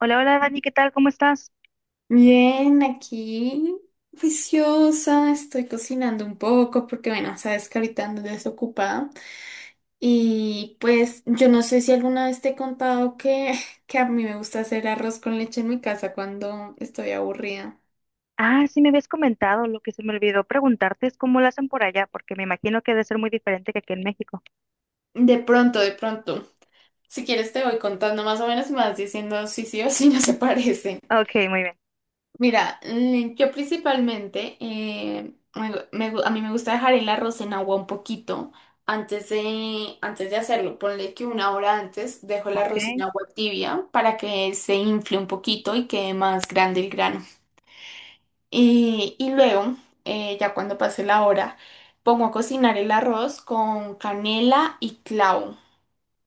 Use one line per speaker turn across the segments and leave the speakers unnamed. Hola, hola Dani, ¿qué tal? ¿Cómo estás?
Bien, aquí juiciosa, estoy cocinando un poco porque, bueno, sabes que ahorita ando desocupada. Y pues yo no sé si alguna vez te he contado que, que a mí me gusta hacer arroz con leche en mi casa cuando estoy aburrida.
Ah, sí me habías comentado, lo que se me olvidó preguntarte es cómo lo hacen por allá, porque me imagino que debe ser muy diferente que aquí en México.
De pronto, de pronto. Si quieres te voy contando más o menos y me vas diciendo si sí o si no se parece.
Ok, muy bien.
Mira, yo principalmente, a mí me gusta dejar el arroz en agua un poquito antes de hacerlo. Ponle que una hora antes dejo el arroz en
Ok.
agua tibia para que se infle un poquito y quede más grande el grano. Y luego, ya cuando pase la hora, pongo a cocinar el arroz con canela y clavo.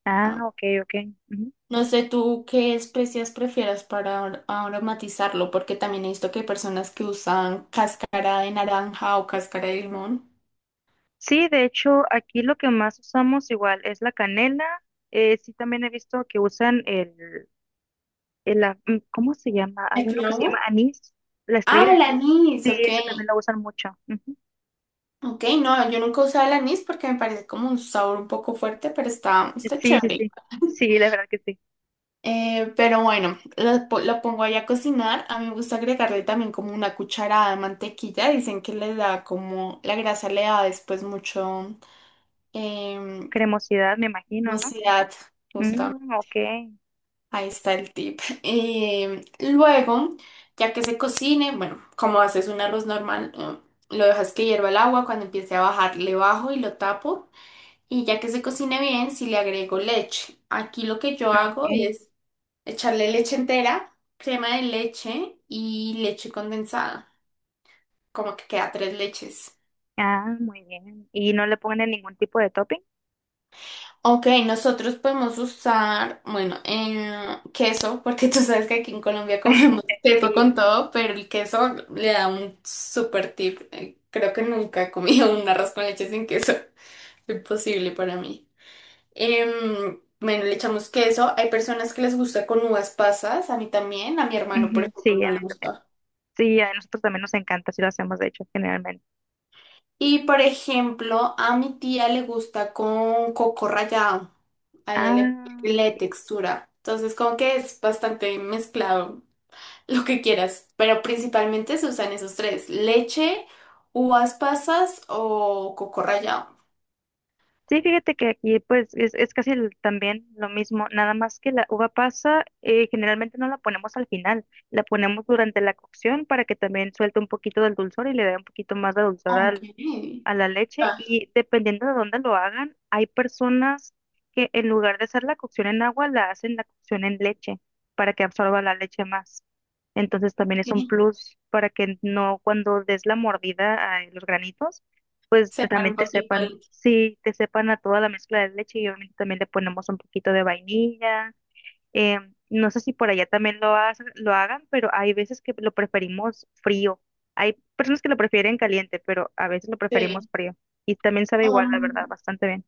Ah,
Ah,
ok, ok. Ujú.
no sé tú qué especias prefieras para aromatizarlo, porque también he visto que hay personas que usan cáscara de naranja o cáscara de limón.
Sí, de hecho, aquí lo que más usamos igual es la canela. Sí, también he visto que usan el, ¿cómo se llama?
¿El
Hay uno que se llama
clavo?
anís, la estrella
Ah,
de
el
anís.
anís,
Sí,
ok.
eso también lo usan mucho. Ujú.
Ok, no, yo nunca he usado el anís porque me parece como un sabor un poco fuerte, pero está
Sí, sí,
chévere.
sí. Sí, la verdad que sí.
Pero bueno, lo pongo ahí a cocinar. A mí me gusta agregarle también como una cucharada de mantequilla. Dicen que le da como, la grasa le da después mucho eh,
Cremosidad, me imagino, ¿no?
jugosidad.
Mm, ok.
Ahí está el tip. Luego, ya que se cocine, bueno, como haces un arroz normal, lo dejas que hierva el agua. Cuando empiece a bajar, le bajo y lo tapo. Y ya que se cocine bien, si le agrego leche. Aquí lo que yo hago
Ok.
es echarle leche entera, crema de leche y leche condensada. Como que queda tres leches.
Ah, muy bien. ¿Y no le ponen ningún tipo de topping?
Ok, nosotros podemos usar, bueno, queso, porque tú sabes que aquí en Colombia comemos queso con
Sí,
todo, pero el queso le da un super tip. Creo que nunca he comido un arroz con leche sin queso. Imposible para mí. Bueno, le echamos queso. Hay personas que les gusta con uvas pasas, a mí también, a mi hermano, por
ujú,
ejemplo,
sí,
no
a
le
mí también.
gusta.
Sí, a nosotros también nos encanta, si lo hacemos, de hecho, generalmente.
Y por ejemplo, a mi tía le gusta con coco rallado. A ella le
Ah, ok.
le textura. Entonces, como que es bastante mezclado lo que quieras. Pero principalmente se usan esos tres: leche, uvas pasas o coco rallado.
Sí, fíjate que aquí pues es casi también lo mismo, nada más que la uva pasa, generalmente no la ponemos al final, la ponemos durante la cocción para que también suelte un poquito del dulzor y le dé un poquito más de dulzor
Ok.
al a la leche,
Ah,
y dependiendo de dónde lo hagan, hay personas que en lugar de hacer la cocción en agua, la hacen la cocción en leche para que absorba la leche más. Entonces también es un
sí.
plus para que no cuando des la mordida a los granitos, pues
Separa
también
un
te
poquito
sepan,
el.
sí, te sepan a toda la mezcla de leche, y obviamente también le ponemos un poquito de vainilla. eh, no sé si por allá también lo hagan, pero hay veces que lo preferimos frío. Hay personas que lo prefieren caliente, pero a veces lo
Sí.
preferimos frío. Y también sabe igual, la verdad,
Um,
bastante bien.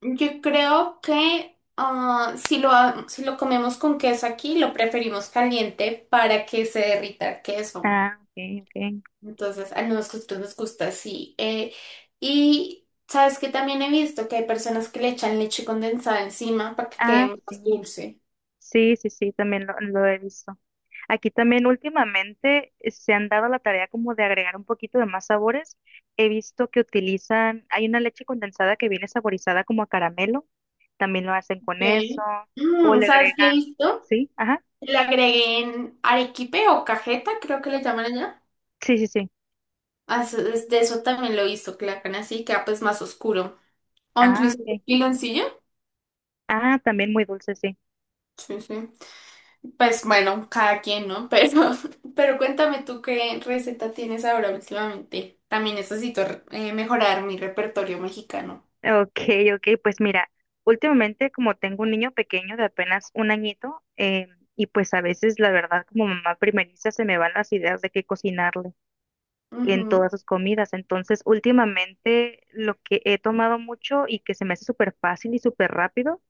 yo creo que ah, si lo comemos con queso aquí, lo preferimos caliente para que se derrita el queso.
Ah, ok, ok.
Entonces, a nosotros nos gusta así. Y sabes que también he visto que hay personas que le echan leche condensada encima para que quede
Ah,
más
sí.
dulce.
Sí, sí, sí, también lo he visto. Aquí también últimamente se han dado la tarea como de agregar un poquito de más sabores. He visto que utilizan, hay una leche condensada que viene saborizada como a caramelo, también lo hacen con eso,
Ok.
o
Mm,
le
¿sabes qué he
agregan,
visto?
¿sí? Ajá.
Le agreguen arequipe o cajeta, creo que le llaman allá.
Sí, sí, sí.
Ah, de eso también lo he visto, que le hagan así, queda pues más oscuro. O
Ah,
incluso
ok.
piloncillo.
Ah, también muy dulce, sí.
Sí, sí. Pues bueno, cada quien, ¿no? Pero, pero cuéntame tú qué receta tienes ahora últimamente. También necesito mejorar mi repertorio mexicano.
Ok, ok, pues mira, últimamente como tengo un niño pequeño de apenas un añito, y pues a veces la verdad como mamá primeriza se me van las ideas de qué cocinarle en
Ujú.
todas sus comidas. Entonces últimamente lo que he tomado mucho y que se me hace súper fácil y súper rápido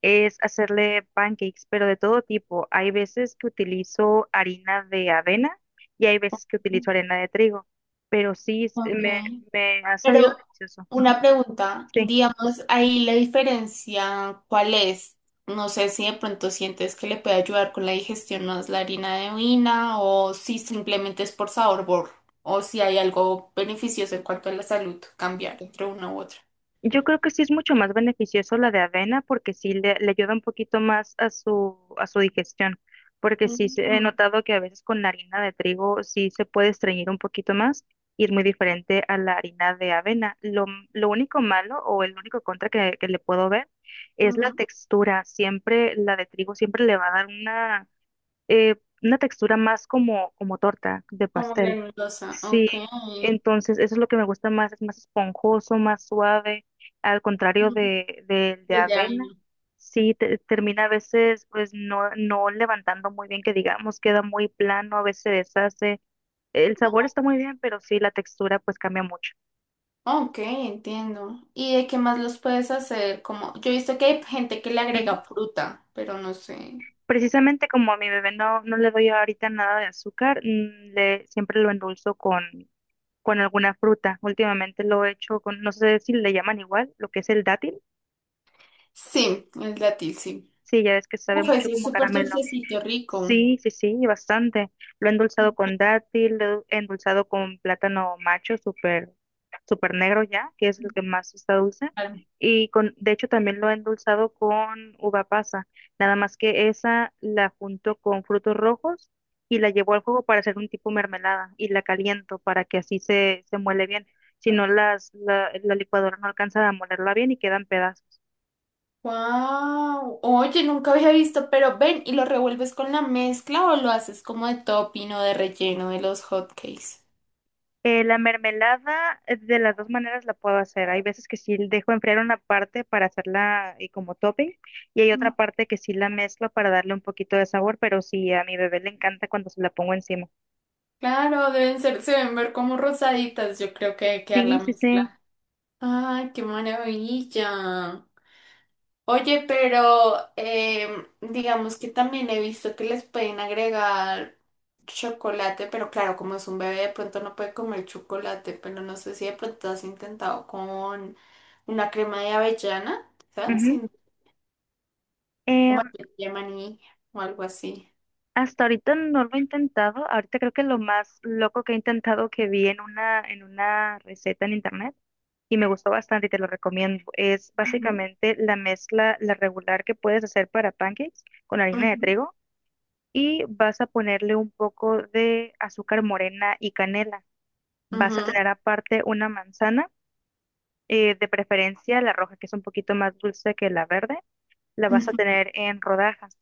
es hacerle pancakes, pero de todo tipo. Hay veces que utilizo harina de avena y hay veces que utilizo harina de trigo, pero sí,
Ok,
me ha sabido
pero
delicioso. Ujú,
una pregunta,
sí.
digamos, ahí la diferencia, ¿cuál es? No sé si de pronto sientes que le puede ayudar con la digestión más la harina de avena o si simplemente es por sabor, o si hay algo beneficioso en cuanto a la salud, cambiar entre una u otra.
Yo creo que sí es mucho más beneficioso la de avena porque sí le ayuda un poquito más a a su digestión, porque sí he
Ujú,
notado que a veces con la harina de trigo sí se puede estreñir un poquito más y es muy diferente a la harina de avena. Lo único malo o el único contra que le puedo ver es la
ujú.
textura. Siempre la de trigo siempre le va a dar eh, una textura más como, como torta de
Como
pastel.
granulosa,
Sí,
ok.
entonces eso es lo que me gusta más, es más esponjoso, más suave, al contrario
Mm,
de
del de
avena.
vaina.
Sí, termina a veces pues no levantando muy bien, que digamos, queda muy plano, a veces se deshace. El sabor está muy bien, pero sí, la textura pues cambia mucho.
Ok, entiendo. ¿Y de qué más los puedes hacer? Como, yo he visto que hay gente que le agrega fruta, pero no sé.
Precisamente como a mi bebé no le doy ahorita nada de azúcar, mm, siempre lo endulzo con alguna fruta. Últimamente lo he hecho con, no sé si le llaman igual, lo que es el dátil.
Sí, el dátil, sí.
Sí, ya ves que sabe
Uf,
mucho
ese es
como
súper
caramelo.
dulcecito, rico.
Sí, sí, sí, bastante. Lo he endulzado con dátil, lo he endulzado con plátano macho, súper, súper negro ya, que es el que más está dulce. Y con, de hecho, también lo he endulzado con uva pasa. Nada más que esa la junto con frutos rojos y la llevo al fuego para hacer un tipo mermelada y la caliento para que así se muele bien. Si no, la licuadora no alcanza a molerla bien y quedan pedazos.
Wow. Oye, nunca había visto, pero ven, ¿y lo revuelves con la mezcla o lo haces como de topping o de relleno de los hotcakes?
La mermelada, de las dos maneras la puedo hacer. Hay veces que sí dejo enfriar una parte para hacerla, como topping, y hay
Mm,
otra parte que sí la mezclo para darle un poquito de sabor, pero sí, a mi bebé le encanta cuando se la pongo encima.
claro, deben ser, se deben ver como rosaditas, yo creo que debe quedar
Sí,
la
sí, sí.
mezcla. Ay, qué maravilla. Oye, pero digamos que también he visto que les pueden agregar chocolate, pero claro, como es un bebé, de pronto no puede comer chocolate, pero no sé si de pronto has intentado con una crema de avellana, ¿sabes?
Ujú.
O
Em,
más bien de maní o algo así.
Hasta ahorita no lo he intentado. Ahorita creo que lo más loco que he intentado que vi en una receta en internet y me gustó bastante y te lo recomiendo. Es
Ujú,
básicamente la mezcla, la regular que puedes hacer para pancakes con harina de
ujú,
trigo y vas a ponerle un poco de azúcar morena y canela. Vas a
ujú,
tener aparte una manzana, de preferencia la roja, que es un poquito más dulce que la verde, la vas a
ujú.
tener en rodajas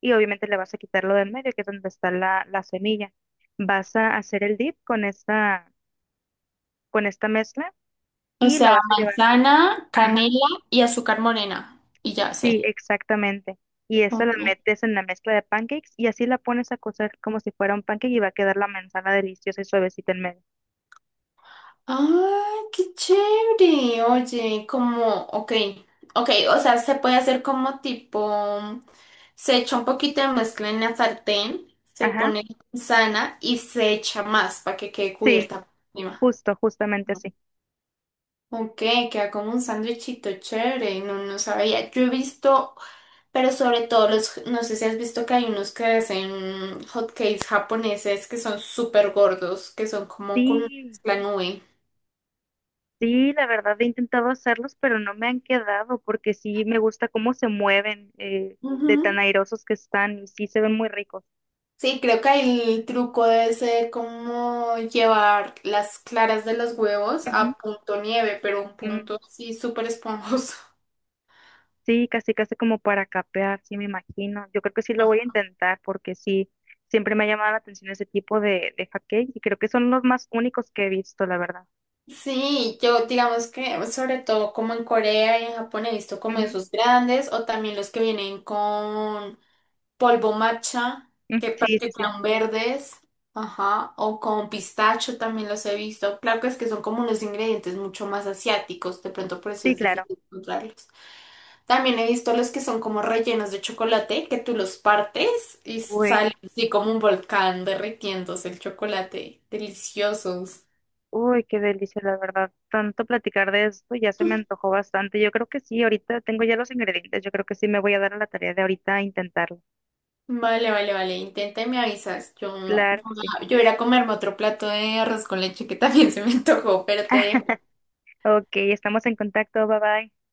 y obviamente le vas a quitar lo del medio, que es donde está la semilla. Vas a hacer el dip con con esta mezcla
O
y la
sea,
vas a llevar.
manzana,
Ajá,
canela y azúcar morena. Y ya
sí,
sé.
exactamente. Y esta la metes en la mezcla de pancakes y así la pones a cocer como si fuera un pancake y va a quedar la manzana deliciosa y suavecita en medio.
Ah, qué chévere. Oye, como, ok, ok, o sea, se puede hacer como tipo, se echa un poquito de mezcla en la sartén, se
Ajá.
pone sana y se echa más para que quede
Sí,
cubierta por encima.
justo, justamente así.
Ok, queda como un sándwichito chévere, no, no sabía. Yo he visto, pero sobre todo los, no sé si has visto que hay unos que hacen hot cakes japoneses que son súper gordos, que son como con
Sí,
mezcla nube.
sí, la verdad he intentado hacerlos, pero no me han quedado porque sí me gusta cómo se mueven, de tan
Ujú.
airosos que están y sí se ven muy ricos.
Sí, creo que ahí el truco debe ser como llevar las claras de los huevos
Ujú,
a punto nieve, pero un
mm,
punto sí súper esponjoso.
sí, casi, casi como para capear, sí me imagino. Yo creo que sí lo voy a intentar porque sí, siempre me ha llamado la atención ese tipo de hotcakes y creo que son los más únicos que he visto, la verdad.
Sí, yo digamos que sobre todo como en Corea y en Japón he visto como
Ujú,
esos grandes o también los que vienen con polvo matcha,
mm,
que
sí, sí, sí.
practican verdes, ajá, o con pistacho también los he visto. Claro que es que son como unos ingredientes mucho más asiáticos, de pronto por eso
Sí,
es
claro.
difícil encontrarlos. También he visto los que son como rellenos de chocolate, que tú los partes y
Uy.
sale así como un volcán derritiéndose el chocolate. Deliciosos.
Uy, qué delicia, la verdad. Tanto platicar de esto ya se me antojó bastante. Yo creo que sí, ahorita tengo ya los ingredientes. Yo creo que sí me voy a dar a la tarea de ahorita intentarlo.
Vale, vale, vale. Intenta y me avisas. Yo,
Claro que sí.
yo iré a comerme otro plato de arroz con leche que también se me antojó, pero te dejo.
Ok, estamos en contacto. Bye bye.